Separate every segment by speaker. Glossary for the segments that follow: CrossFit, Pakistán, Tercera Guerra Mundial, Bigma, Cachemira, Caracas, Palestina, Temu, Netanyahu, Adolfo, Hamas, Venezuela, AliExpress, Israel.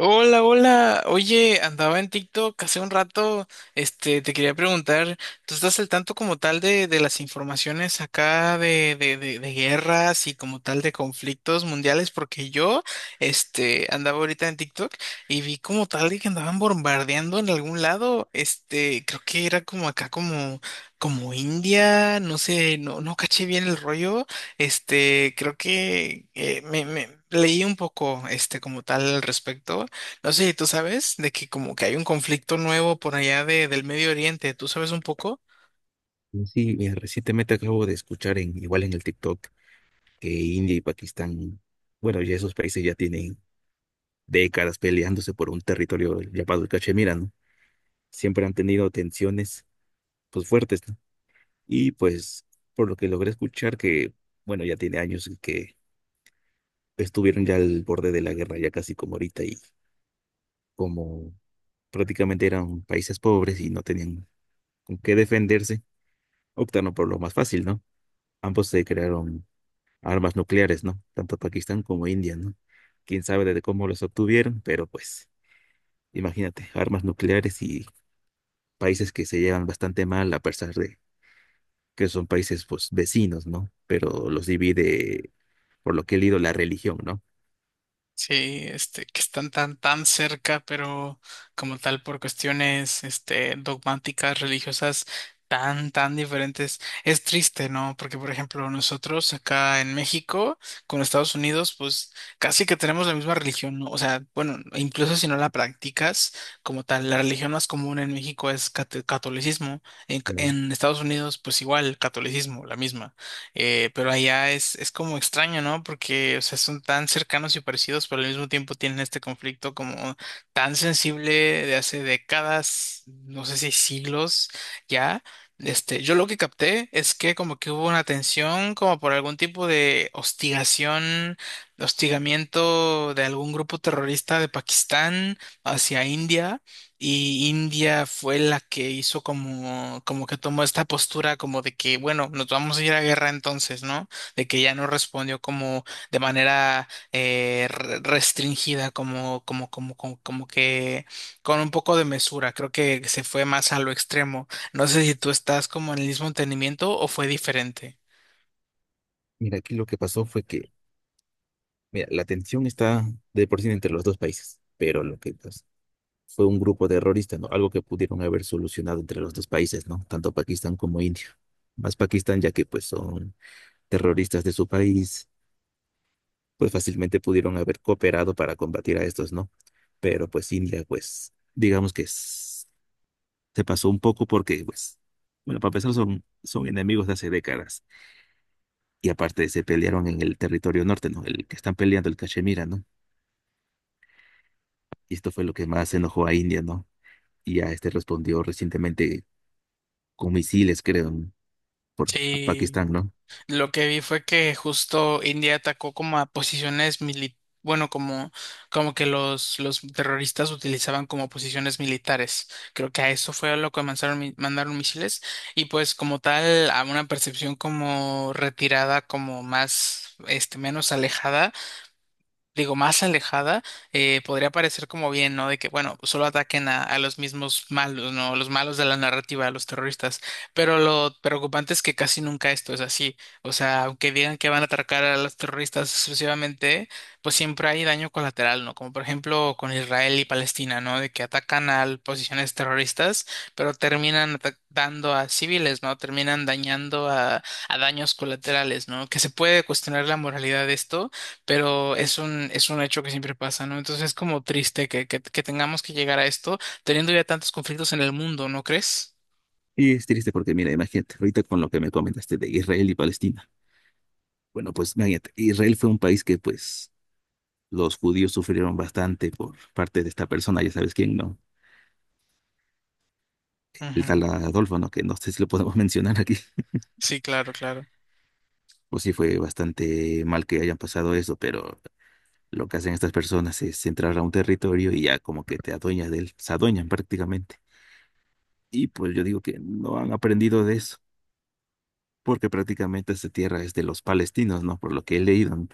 Speaker 1: Hola, hola. Oye, andaba en TikTok hace un rato. Te quería preguntar, ¿tú estás al tanto como tal de las informaciones acá de guerras y como tal de conflictos mundiales? Porque yo andaba ahorita en TikTok y vi como tal de que andaban bombardeando en algún lado. Creo que era como acá como India, no sé, no caché bien el rollo. Creo que me leí un poco, como tal al respecto, no sé. ¿Tú sabes de que como que hay un conflicto nuevo por allá del Medio Oriente? ¿Tú sabes un poco?
Speaker 2: Sí, recientemente acabo de escuchar en, igual en el TikTok que India y Pakistán, bueno, ya esos países ya tienen décadas peleándose por un territorio llamado el Cachemira, ¿no? Siempre han tenido tensiones, pues fuertes, ¿no? Y pues, por lo que logré escuchar que, bueno, ya tiene años que estuvieron ya al borde de la guerra, ya casi como ahorita, y como prácticamente eran países pobres y no tenían con qué defenderse, optaron por lo más fácil, ¿no? Ambos se crearon armas nucleares, ¿no? Tanto Pakistán como India, ¿no? Quién sabe desde cómo los obtuvieron, pero pues, imagínate, armas nucleares y países que se llevan bastante mal a pesar de que son países pues vecinos, ¿no? Pero los divide, por lo que he leído, la religión, ¿no?
Speaker 1: Sí, que están tan cerca, pero como tal por cuestiones, dogmáticas, religiosas, tan diferentes. Es triste, ¿no? Porque, por ejemplo, nosotros acá en México, con Estados Unidos, pues casi que tenemos la misma religión, ¿no? O sea, bueno, incluso si no la practicas como tal, la religión más común en México es catolicismo.
Speaker 2: Bueno,
Speaker 1: En Estados Unidos, pues igual, catolicismo, la misma. Pero allá es como extraño, ¿no? Porque, o sea, son tan cercanos y parecidos, pero al mismo tiempo tienen este conflicto como tan sensible de hace décadas, no sé si siglos ya. Yo lo que capté es que como que hubo una tensión, como por algún tipo de hostigación, hostigamiento de algún grupo terrorista de Pakistán hacia India. Y India fue la que hizo como, como que tomó esta postura como de que, bueno, nos vamos a ir a guerra entonces, ¿no? De que ya no respondió como de manera restringida, como que con un poco de mesura. Creo que se fue más a lo extremo. No sé si tú estás como en el mismo entendimiento o fue diferente.
Speaker 2: mira, aquí lo que pasó fue que, mira, la tensión está de por sí entre los dos países, pero lo que pues, fue un grupo terrorista, ¿no? Algo que pudieron haber solucionado entre los dos países, ¿no? Tanto Pakistán como India. Más Pakistán, ya que pues son terroristas de su país, pues fácilmente pudieron haber cooperado para combatir a estos, ¿no? Pero pues India, pues digamos que se pasó un poco porque, pues, bueno, para empezar son enemigos de hace décadas y aparte se pelearon en el territorio norte, ¿no? El que están peleando, el Cachemira, ¿no? Y esto fue lo que más enojó a India, ¿no? Y a este respondió recientemente con misiles, creo, ¿no? Por a
Speaker 1: Sí.
Speaker 2: Pakistán, ¿no?
Speaker 1: Lo que vi fue que justo India atacó como a posiciones bueno, como, como que los terroristas utilizaban como posiciones militares. Creo que a eso fue a lo que mandaron, mandaron misiles y pues como tal a una percepción como retirada, como más, menos alejada, digo, más alejada. Podría parecer como bien, ¿no? De que, bueno, pues, solo ataquen a los mismos malos, ¿no? Los malos de la narrativa, a los terroristas. Pero lo preocupante es que casi nunca esto es así. O sea, aunque digan que van a atacar a los terroristas exclusivamente, pues siempre hay daño colateral, ¿no? Como por ejemplo con Israel y Palestina, ¿no? De que atacan a posiciones terroristas, pero terminan atacando a civiles, ¿no? Terminan dañando a daños colaterales, ¿no? Que se puede cuestionar la moralidad de esto, pero es un hecho que siempre pasa, ¿no? Entonces es como triste que que tengamos que llegar a esto teniendo ya tantos conflictos en el mundo, ¿no crees?
Speaker 2: Y es triste porque, mira, imagínate, ahorita con lo que me comentaste de Israel y Palestina. Bueno, pues imagínate, Israel fue un país que pues los judíos sufrieron bastante por parte de esta persona, ya sabes quién, ¿no? El
Speaker 1: Ujú.
Speaker 2: tal Adolfo, ¿no? Que no sé si lo podemos mencionar aquí.
Speaker 1: Sí, claro, claro.
Speaker 2: Pues sí, fue bastante mal que hayan pasado eso, pero lo que hacen estas personas es entrar a un territorio y ya como que te adueñas de él, se adueñan prácticamente. Y pues yo digo que no han aprendido de eso, porque prácticamente esta tierra es de los palestinos, ¿no? Por lo que he leído, ¿no?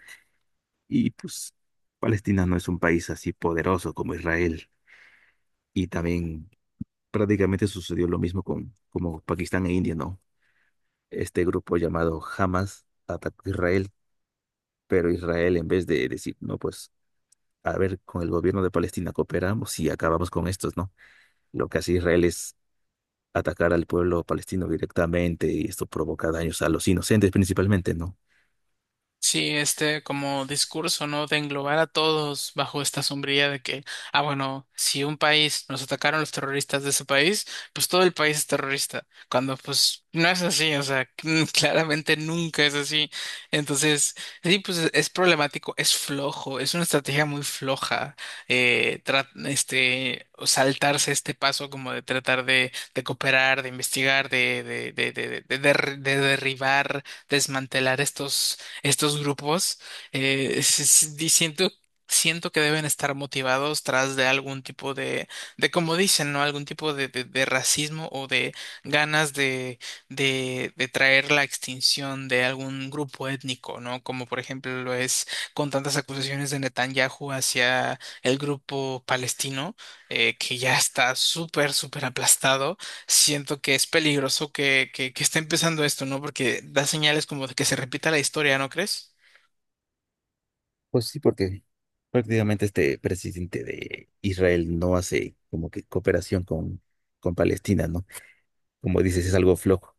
Speaker 2: Y pues Palestina no es un país así poderoso como Israel. Y también prácticamente sucedió lo mismo con como Pakistán e India, ¿no? Este grupo llamado Hamas atacó a Israel, pero Israel en vez de decir, no, pues a ver, con el gobierno de Palestina cooperamos y acabamos con estos, ¿no? Lo que hace Israel es atacar al pueblo palestino directamente y esto provoca daños a los inocentes principalmente, ¿no?
Speaker 1: Sí, este como discurso, ¿no? De englobar a todos bajo esta sombrilla de que, ah, bueno, si un país nos atacaron los terroristas de ese país, pues todo el país es terrorista, cuando pues no es así, o sea, claramente nunca es así. Entonces, sí, pues es problemático, es flojo, es una estrategia muy floja. O saltarse este paso como de tratar de cooperar, de investigar, de derribar, desmantelar estos grupos. Siento, siento que deben estar motivados tras de algún tipo de como dicen, ¿no? Algún tipo de racismo o de ganas de traer la extinción de algún grupo étnico, ¿no? Como por ejemplo lo es con tantas acusaciones de Netanyahu hacia el grupo palestino, que ya está súper, súper aplastado. Siento que es peligroso que que esté empezando esto, ¿no? Porque da señales como de que se repita la historia, ¿no crees?
Speaker 2: Pues sí, porque prácticamente este presidente de Israel no hace como que cooperación con Palestina, ¿no? Como dices, es algo flojo.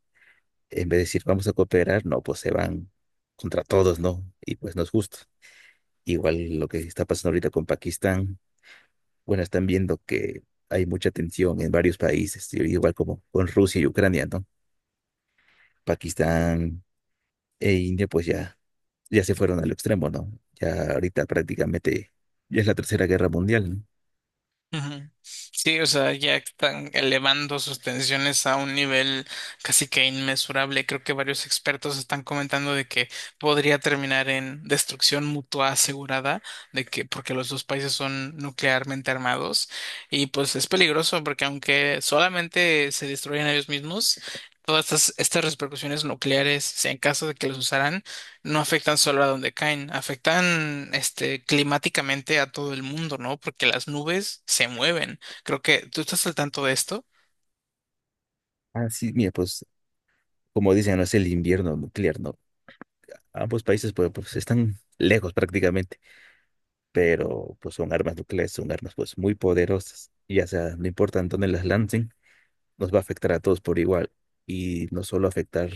Speaker 2: En vez de decir, vamos a cooperar, no, pues se van contra todos, ¿no? Y pues no es justo. Igual lo que está pasando ahorita con Pakistán, bueno, están viendo que hay mucha tensión en varios países, y igual como con Rusia y Ucrania, ¿no? Pakistán e India, pues ya, ya se fueron al extremo, ¿no? Ya ahorita prácticamente ya es la Tercera Guerra Mundial, ¿no?
Speaker 1: Ujú. Sí, o sea, ya están elevando sus tensiones a un nivel casi que inmesurable. Creo que varios expertos están comentando de que podría terminar en destrucción mutua asegurada, de que porque los dos países son nuclearmente armados y pues es peligroso porque aunque solamente se destruyen ellos mismos, todas estas repercusiones nucleares, si en caso de que los usaran, no afectan solo a donde caen, afectan este climáticamente a todo el mundo, ¿no? Porque las nubes se mueven. Creo que tú estás al tanto de esto.
Speaker 2: Ah, sí, mira, pues como dicen, no es el invierno nuclear, ¿no? Ambos países pues, pues están lejos prácticamente, pero pues son armas nucleares, son armas pues muy poderosas, y ya sea, no importa en dónde las lancen, nos va a afectar a todos por igual y no solo afectar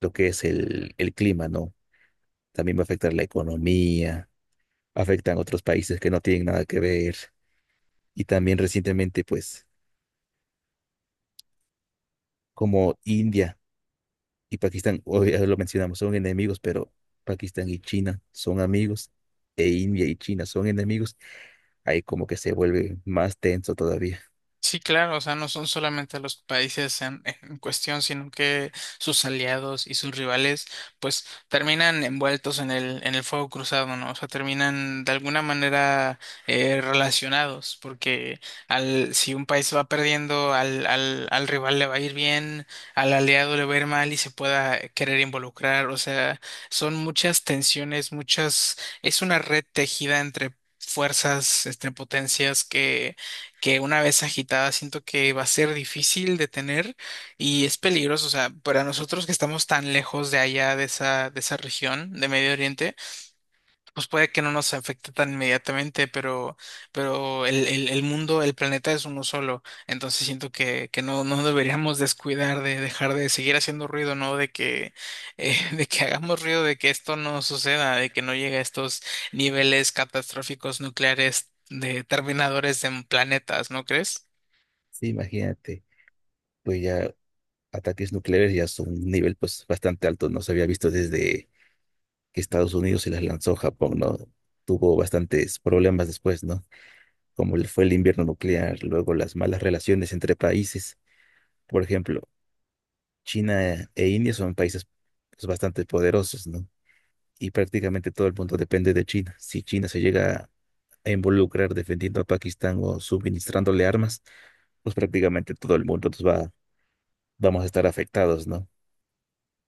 Speaker 2: lo que es el clima, ¿no? También va a afectar la economía, afectan otros países que no tienen nada que ver y también recientemente, pues, como India y Pakistán, hoy ya lo mencionamos, son enemigos, pero Pakistán y China son amigos e India y China son enemigos, ahí como que se vuelve más tenso todavía.
Speaker 1: Sí, claro, o sea, no son solamente los países en cuestión, sino que sus aliados y sus rivales, pues terminan envueltos en en el fuego cruzado, ¿no? O sea, terminan de alguna manera relacionados, porque si un país va perdiendo, al rival le va a ir bien, al aliado le va a ir mal y se pueda querer involucrar. O sea, son muchas tensiones, muchas, es una red tejida entre fuerzas, entre potencias que una vez agitada siento que va a ser difícil de tener y es peligroso. O sea, para nosotros que estamos tan lejos de allá, de esa región de Medio Oriente, pues puede que no nos afecte tan inmediatamente, pero el, el mundo, el planeta es uno solo. Entonces siento que no deberíamos descuidar de dejar de seguir haciendo ruido, ¿no? De que, de que hagamos ruido, de que esto no suceda, de que no llegue a estos niveles catastróficos nucleares, de terminadores en planetas, ¿no crees?
Speaker 2: Sí, imagínate, pues ya ataques nucleares ya son un nivel pues bastante alto, no se había visto desde que Estados Unidos se las lanzó a Japón, ¿no? Tuvo bastantes problemas después, ¿no? Como le fue el invierno nuclear, luego las malas relaciones entre países. Por ejemplo, China e India son países pues, bastante poderosos, ¿no? Y prácticamente todo el mundo depende de China. Si China se llega a involucrar defendiendo a Pakistán o suministrándole armas, pues prácticamente todo el mundo nos va, vamos a estar afectados, ¿no?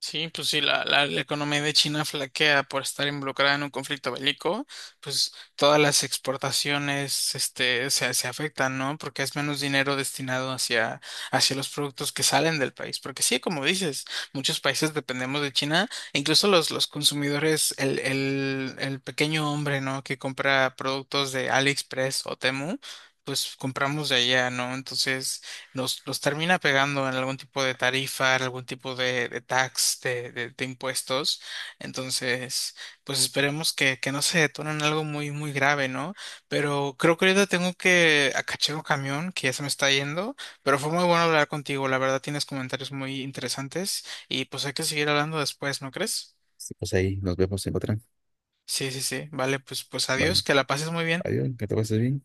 Speaker 1: Sí, pues sí, la economía de China flaquea por estar involucrada en un conflicto bélico, pues todas las exportaciones este, se afectan, ¿no? Porque es menos dinero destinado hacia, hacia los productos que salen del país. Porque sí, como dices, muchos países dependemos de China, e incluso los consumidores, el pequeño hombre, ¿no? Que compra productos de AliExpress o Temu, pues compramos de allá, ¿no? Entonces, nos los termina pegando en algún tipo de tarifa, en algún tipo de tax, de impuestos. Entonces, pues esperemos que no se detone en algo muy, muy grave, ¿no? Pero creo que ahorita tengo que acachar un camión que ya se me está yendo, pero fue muy bueno hablar contigo. La verdad, tienes comentarios muy interesantes y pues hay que seguir hablando después, ¿no crees?
Speaker 2: Sí, pues ahí nos vemos en otra.
Speaker 1: Sí, sí, sí. Vale, pues, pues adiós,
Speaker 2: Vale.
Speaker 1: que la pases muy bien.
Speaker 2: Adiós, que te pases bien.